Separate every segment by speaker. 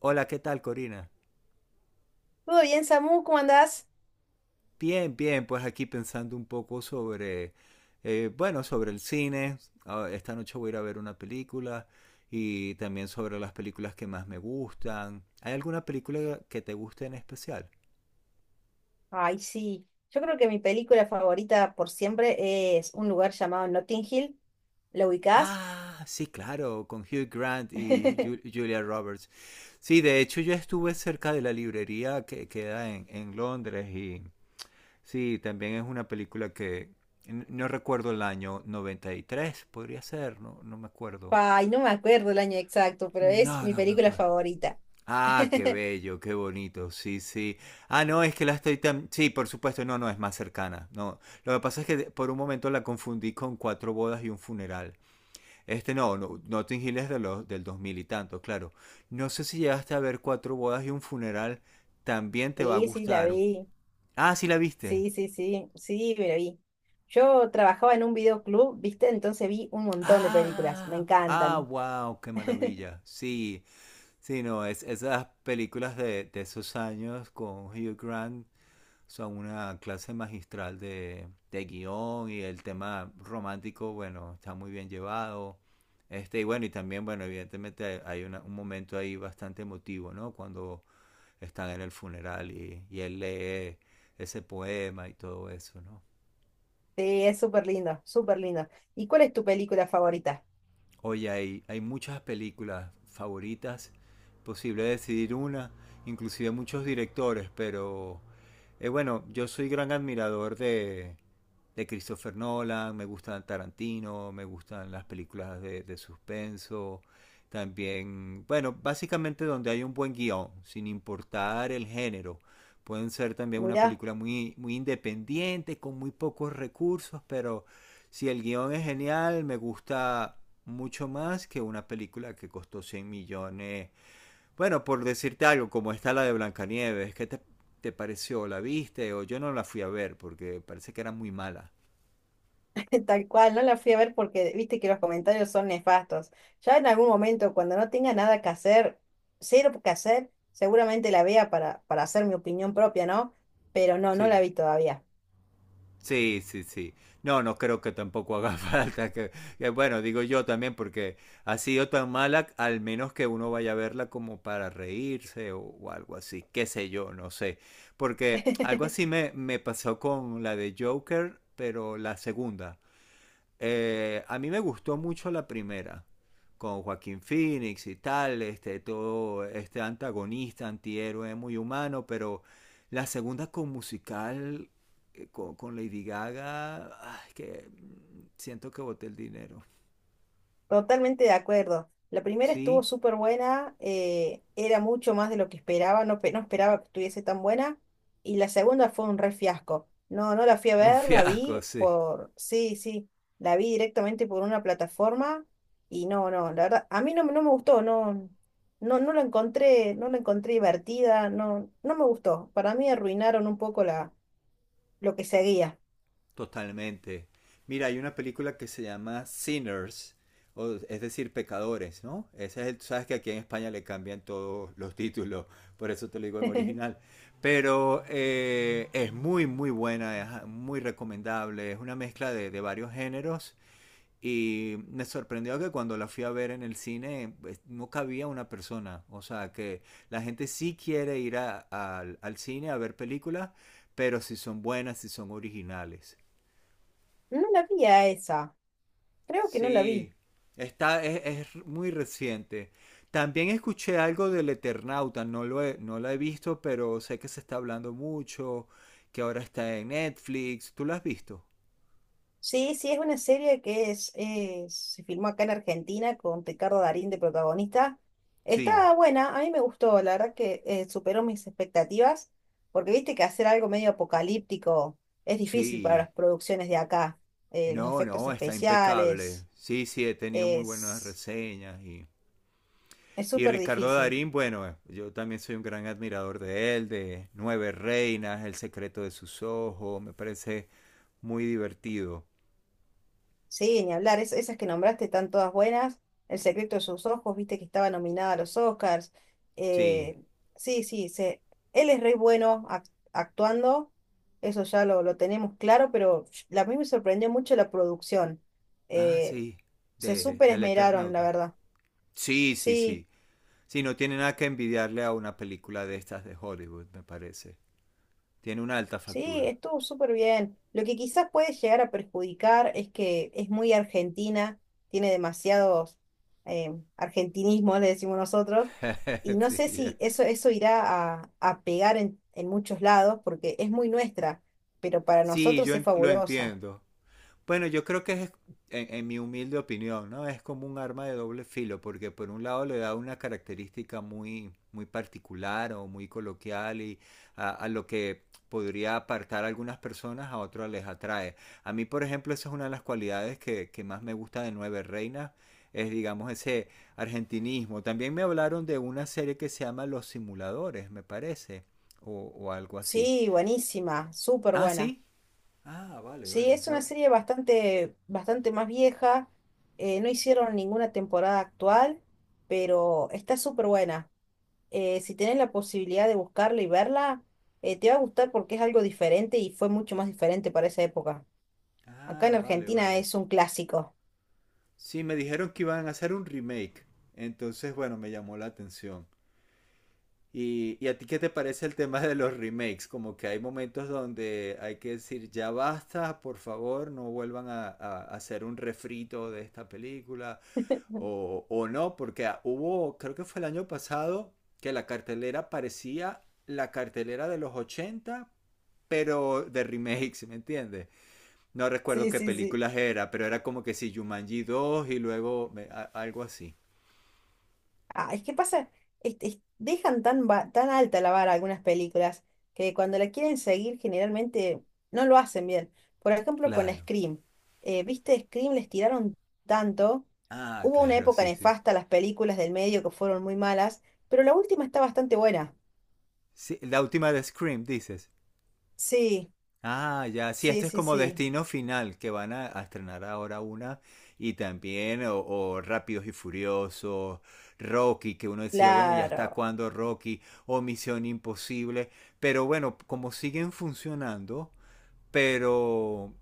Speaker 1: Hola, ¿qué tal, Corina?
Speaker 2: ¿Todo bien, Samu? ¿Cómo andás?
Speaker 1: Bien, bien, pues aquí pensando un poco sobre el cine. Ah, Esta noche voy a ir a ver una película y también sobre las películas que más me gustan. ¿Hay alguna película que te guste en especial?
Speaker 2: Ay, sí. Yo creo que mi película favorita por siempre es un lugar llamado Notting Hill. ¿Lo ubicás?
Speaker 1: Ah, sí, claro, con Hugh Grant y Julia Roberts. Sí, de hecho yo estuve cerca de la librería que queda en Londres y sí, también es una película que no recuerdo, el año 93, podría ser, no, no me acuerdo.
Speaker 2: Ay, no me acuerdo el año exacto, pero es
Speaker 1: No,
Speaker 2: mi
Speaker 1: no me
Speaker 2: película
Speaker 1: acuerdo.
Speaker 2: favorita.
Speaker 1: Ah, qué bello, qué bonito, sí, sí. Ah, no, es que la estoy tan... Sí, por supuesto, no, no, es más cercana. No, lo que pasa es que por un momento la confundí con Cuatro bodas y un funeral. No, no, Notting Hill es de del 2000 y tanto, claro. No sé si llegaste a ver Cuatro bodas y un funeral, también te va a
Speaker 2: Sí, sí, la
Speaker 1: gustar.
Speaker 2: vi.
Speaker 1: Ah, sí la viste.
Speaker 2: Sí, sí, sí. Sí, me la vi. Yo trabajaba en un videoclub, ¿viste? Entonces vi un montón de películas. Me
Speaker 1: Ah, ah,
Speaker 2: encantan.
Speaker 1: wow, qué maravilla. Sí, sí, no, es, esas películas de esos años con Hugh Grant son una clase magistral de guión, y el tema romántico, bueno, está muy bien llevado. Evidentemente un momento ahí bastante emotivo, ¿no? Cuando están en el funeral y él lee ese poema y todo eso, ¿no?
Speaker 2: Sí, es súper lindo, súper lindo. ¿Y cuál es tu película favorita?
Speaker 1: Oye, hay muchas películas favoritas, posible decidir una, inclusive muchos directores, pero bueno, yo soy gran admirador de Christopher Nolan, me gustan Tarantino, me gustan las películas de suspenso, también, bueno, básicamente donde hay un buen guión, sin importar el género. Pueden ser también una
Speaker 2: Mirá.
Speaker 1: película muy, muy independiente, con muy pocos recursos, pero si el guión es genial, me gusta mucho más que una película que costó 100 millones. Bueno, por decirte algo, como está la de Blancanieves, ¿te pareció? ¿La viste? O yo no la fui a ver porque parece que era muy mala.
Speaker 2: Tal cual, no la fui a ver porque viste que los comentarios son nefastos. Ya en algún momento, cuando no tenga nada que hacer, cero que hacer, seguramente la vea para, hacer mi opinión propia, ¿no? Pero no, no
Speaker 1: Sí.
Speaker 2: la vi todavía.
Speaker 1: Sí, sí, sí. No, no creo que tampoco haga falta bueno, digo yo también porque ha sido tan mala, al menos que uno vaya a verla como para reírse o algo así, qué sé yo, no sé. Porque algo así me pasó con la de Joker, pero la segunda. A mí me gustó mucho la primera, con Joaquín Phoenix y tal, este, todo este antagonista, antihéroe, muy humano, pero la segunda con musical, con Lady Gaga, ay, siento que boté el dinero.
Speaker 2: Totalmente de acuerdo. La primera estuvo
Speaker 1: Sí,
Speaker 2: súper buena, era mucho más de lo que esperaba, no, no esperaba que estuviese tan buena. Y la segunda fue un re fiasco. No, no la fui a
Speaker 1: un
Speaker 2: ver, la
Speaker 1: fiasco,
Speaker 2: vi
Speaker 1: sí.
Speaker 2: por, sí, sí, la vi directamente por una plataforma y no, no, la verdad, a mí no, no me gustó, no, no, no la encontré, no la encontré divertida, no, no me gustó. Para mí arruinaron un poco la, lo que seguía.
Speaker 1: Totalmente. Mira, hay una película que se llama Sinners, o, es decir, pecadores, ¿no? Ese es tú sabes que aquí en España le cambian todos los títulos, por eso te lo digo en original. Pero es muy, muy buena, es ah, muy recomendable, es una mezcla de varios géneros y me sorprendió que cuando la fui a ver en el cine, pues no cabía una persona, o sea, que la gente sí quiere ir al cine a ver películas, pero si son buenas, si son originales.
Speaker 2: No la vi a esa, creo que no la vi.
Speaker 1: Sí, está, es muy reciente. También escuché algo del Eternauta, no la he visto, pero sé que se está hablando mucho, que ahora está en Netflix. ¿Tú la has visto?
Speaker 2: Sí, sí, es una serie que es, se filmó acá en Argentina con Ricardo Darín de protagonista.
Speaker 1: Sí,
Speaker 2: Está buena, a mí me gustó, la verdad que superó mis expectativas, porque viste que hacer algo medio apocalíptico es difícil para
Speaker 1: sí.
Speaker 2: las producciones de acá. Los
Speaker 1: No,
Speaker 2: efectos
Speaker 1: no, está impecable.
Speaker 2: especiales,
Speaker 1: Sí, sí, he tenido muy buenas
Speaker 2: es
Speaker 1: reseñas,
Speaker 2: es
Speaker 1: y
Speaker 2: súper
Speaker 1: Ricardo
Speaker 2: difícil.
Speaker 1: Darín, bueno, yo también soy un gran admirador de él, de Nueve Reinas, El secreto de sus ojos, me parece muy divertido.
Speaker 2: Sí, ni hablar, esas que nombraste están todas buenas. El secreto de sus ojos, viste que estaba nominada a los Oscars.
Speaker 1: Sí.
Speaker 2: Eh, sí, sí, se, él es re bueno actuando, eso ya lo tenemos claro, pero a mí me sorprendió mucho la producción.
Speaker 1: Ah,
Speaker 2: Eh,
Speaker 1: sí,
Speaker 2: Se súper
Speaker 1: del
Speaker 2: esmeraron, la
Speaker 1: Eternauta.
Speaker 2: verdad.
Speaker 1: Sí, sí,
Speaker 2: Sí.
Speaker 1: sí. Sí, no tiene nada que envidiarle a una película de estas de Hollywood, me parece. Tiene una alta
Speaker 2: Sí,
Speaker 1: factura.
Speaker 2: estuvo súper bien. Lo que quizás puede llegar a perjudicar es que es muy argentina, tiene demasiados argentinismos, le decimos nosotros, y no
Speaker 1: Sí,
Speaker 2: sé
Speaker 1: ya.
Speaker 2: si eso, eso irá a pegar en muchos lados porque es muy nuestra, pero para
Speaker 1: Sí,
Speaker 2: nosotros
Speaker 1: yo
Speaker 2: es
Speaker 1: lo
Speaker 2: fabulosa.
Speaker 1: entiendo. Bueno, yo creo que es, en mi humilde opinión, ¿no? Es como un arma de doble filo, porque por un lado le da una característica muy, muy particular o muy coloquial y a lo que podría apartar a algunas personas, a otras les atrae. A mí, por ejemplo, esa es una de las cualidades que más me gusta de Nueve Reinas, es digamos ese argentinismo. También me hablaron de una serie que se llama Los Simuladores, me parece, o algo así.
Speaker 2: Sí, buenísima, súper
Speaker 1: Ah,
Speaker 2: buena.
Speaker 1: sí. Ah, vale,
Speaker 2: Sí,
Speaker 1: vale.
Speaker 2: es
Speaker 1: No.
Speaker 2: una serie bastante, bastante más vieja, no hicieron ninguna temporada actual, pero está súper buena. Si tienes la posibilidad de buscarla y verla, te va a gustar porque es algo diferente y fue mucho más diferente para esa época. Acá en
Speaker 1: Ah, vale,
Speaker 2: Argentina
Speaker 1: vale.
Speaker 2: es un clásico.
Speaker 1: Sí, me dijeron que iban a hacer un remake. Entonces, bueno, me llamó la atención. ¿Y a ti qué te parece el tema de los remakes? Como que hay momentos donde hay que decir, ya basta, por favor, no vuelvan a hacer un refrito de esta película. O no, porque hubo, creo que fue el año pasado, que la cartelera parecía la cartelera de los 80, pero de remakes, ¿sí? ¿Me entiendes? No recuerdo
Speaker 2: Sí,
Speaker 1: qué
Speaker 2: sí, sí.
Speaker 1: películas era, pero era como que si Jumanji 2 y luego algo así.
Speaker 2: Ah, es que pasa, este, dejan tan, tan alta la vara algunas películas que cuando la quieren seguir generalmente no lo hacen bien. Por ejemplo, con
Speaker 1: Claro.
Speaker 2: Scream. ¿Viste? Scream les tiraron tanto.
Speaker 1: Ah,
Speaker 2: Hubo una
Speaker 1: claro,
Speaker 2: época
Speaker 1: sí, sí.
Speaker 2: nefasta, las películas del medio que fueron muy malas, pero la última está bastante buena.
Speaker 1: Sí, la última de Scream, dices.
Speaker 2: Sí,
Speaker 1: Ah, ya, sí,
Speaker 2: sí,
Speaker 1: este es
Speaker 2: sí,
Speaker 1: como
Speaker 2: sí.
Speaker 1: Destino Final, que van a estrenar ahora una. Y también, o Rápidos y Furiosos, Rocky, que uno decía, bueno, ya está
Speaker 2: Claro,
Speaker 1: cuando Rocky, o Misión Imposible. Pero bueno, como siguen funcionando, pero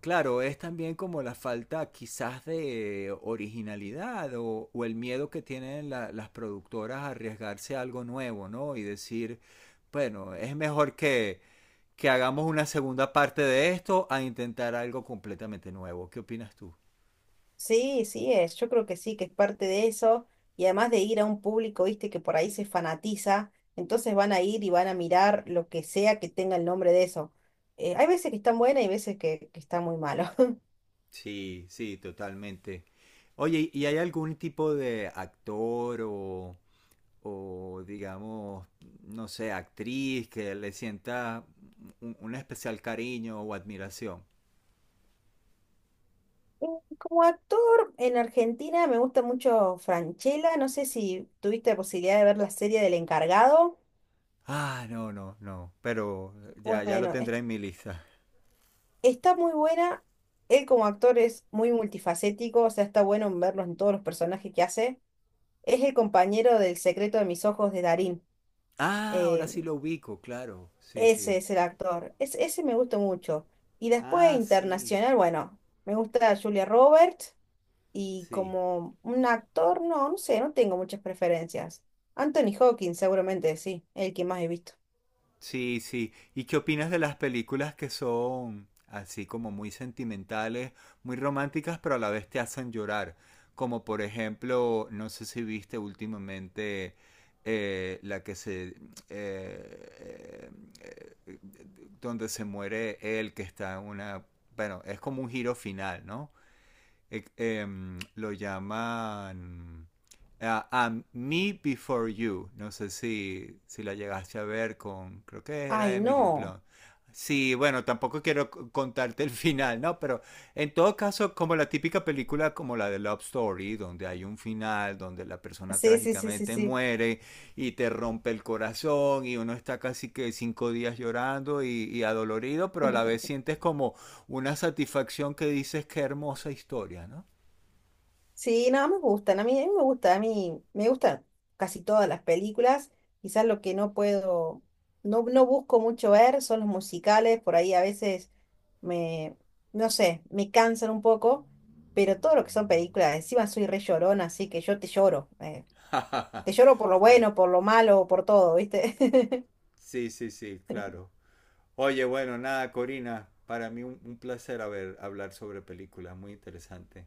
Speaker 1: claro, es también como la falta quizás de originalidad o el miedo que tienen las productoras a arriesgarse a algo nuevo, ¿no? Y decir, bueno, es mejor que hagamos una segunda parte de esto a intentar algo completamente nuevo. ¿Qué opinas tú?
Speaker 2: sí, sí es, yo creo que sí, que es parte de eso, y además de ir a un público, viste, que por ahí se fanatiza, entonces van a ir y van a mirar lo que sea que tenga el nombre de eso. Hay veces que están buenas y veces que está muy malo.
Speaker 1: Sí, sí, totalmente. Oye, ¿y hay algún tipo de actor o digamos, no sé, actriz que le sienta un especial cariño o admiración?
Speaker 2: Eh, como actor en Argentina me gusta mucho Franchella, no sé si tuviste la posibilidad de ver la serie del encargado.
Speaker 1: Ah, no, no, no. Pero ya lo
Speaker 2: Bueno,
Speaker 1: tendré en mi lista.
Speaker 2: está muy buena, él como actor es muy multifacético, o sea, está bueno verlo en todos los personajes que hace. Es el compañero del secreto de mis ojos de Darín.
Speaker 1: Ah, ahora
Speaker 2: Eh,
Speaker 1: sí lo ubico, claro. Sí, sí.
Speaker 2: ese es el actor. Es, ese me gustó mucho. Y después
Speaker 1: Ah, sí,
Speaker 2: internacional, bueno, me gusta Julia Roberts y
Speaker 1: sí.
Speaker 2: como un actor, no, no sé, no tengo muchas preferencias. Anthony Hawkins, seguramente sí, el que más he visto.
Speaker 1: Sí, sí. ¿Y qué opinas de las películas que son así como muy sentimentales, muy románticas, pero a la vez te hacen llorar? Como por ejemplo, no sé si viste últimamente la que eh, eh, donde se muere él, que está en una... Bueno, es como un giro final, ¿no? Lo llaman Me Before You. No sé si la llegaste a ver con, creo que era
Speaker 2: Ay,
Speaker 1: Emily
Speaker 2: no.
Speaker 1: Blunt. Sí, bueno, tampoco quiero contarte el final, ¿no? Pero en todo caso, como la típica película como la de Love Story, donde hay un final, donde la persona
Speaker 2: Sí, sí, sí, sí,
Speaker 1: trágicamente
Speaker 2: sí.
Speaker 1: muere y te rompe el corazón y uno está casi que 5 días llorando y adolorido, pero a la vez sientes como una satisfacción que dices qué hermosa historia, ¿no?
Speaker 2: Sí, no, me gustan. A mí me gusta, a mí me gustan casi todas las películas. Quizás lo que no puedo, no, no busco mucho ver son los musicales. Por ahí a veces me, no sé, me cansan un poco. Pero todo lo que son películas, encima soy re llorona, así que yo te lloro. Te lloro por lo bueno, por lo malo, por todo, ¿viste?
Speaker 1: Sí, sí, sí, claro. Oye, bueno, nada, Corina, para mí un placer hablar sobre películas, muy interesante.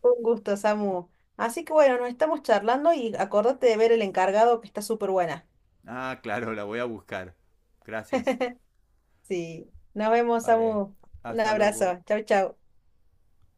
Speaker 2: Un gusto, Samu. Así que bueno, nos estamos charlando y acordate de ver El Encargado, que está súper buena.
Speaker 1: Ah, claro, la voy a buscar. Gracias.
Speaker 2: Sí. Nos vemos,
Speaker 1: Vale,
Speaker 2: Samu. Un
Speaker 1: hasta luego.
Speaker 2: abrazo. Chau, chau.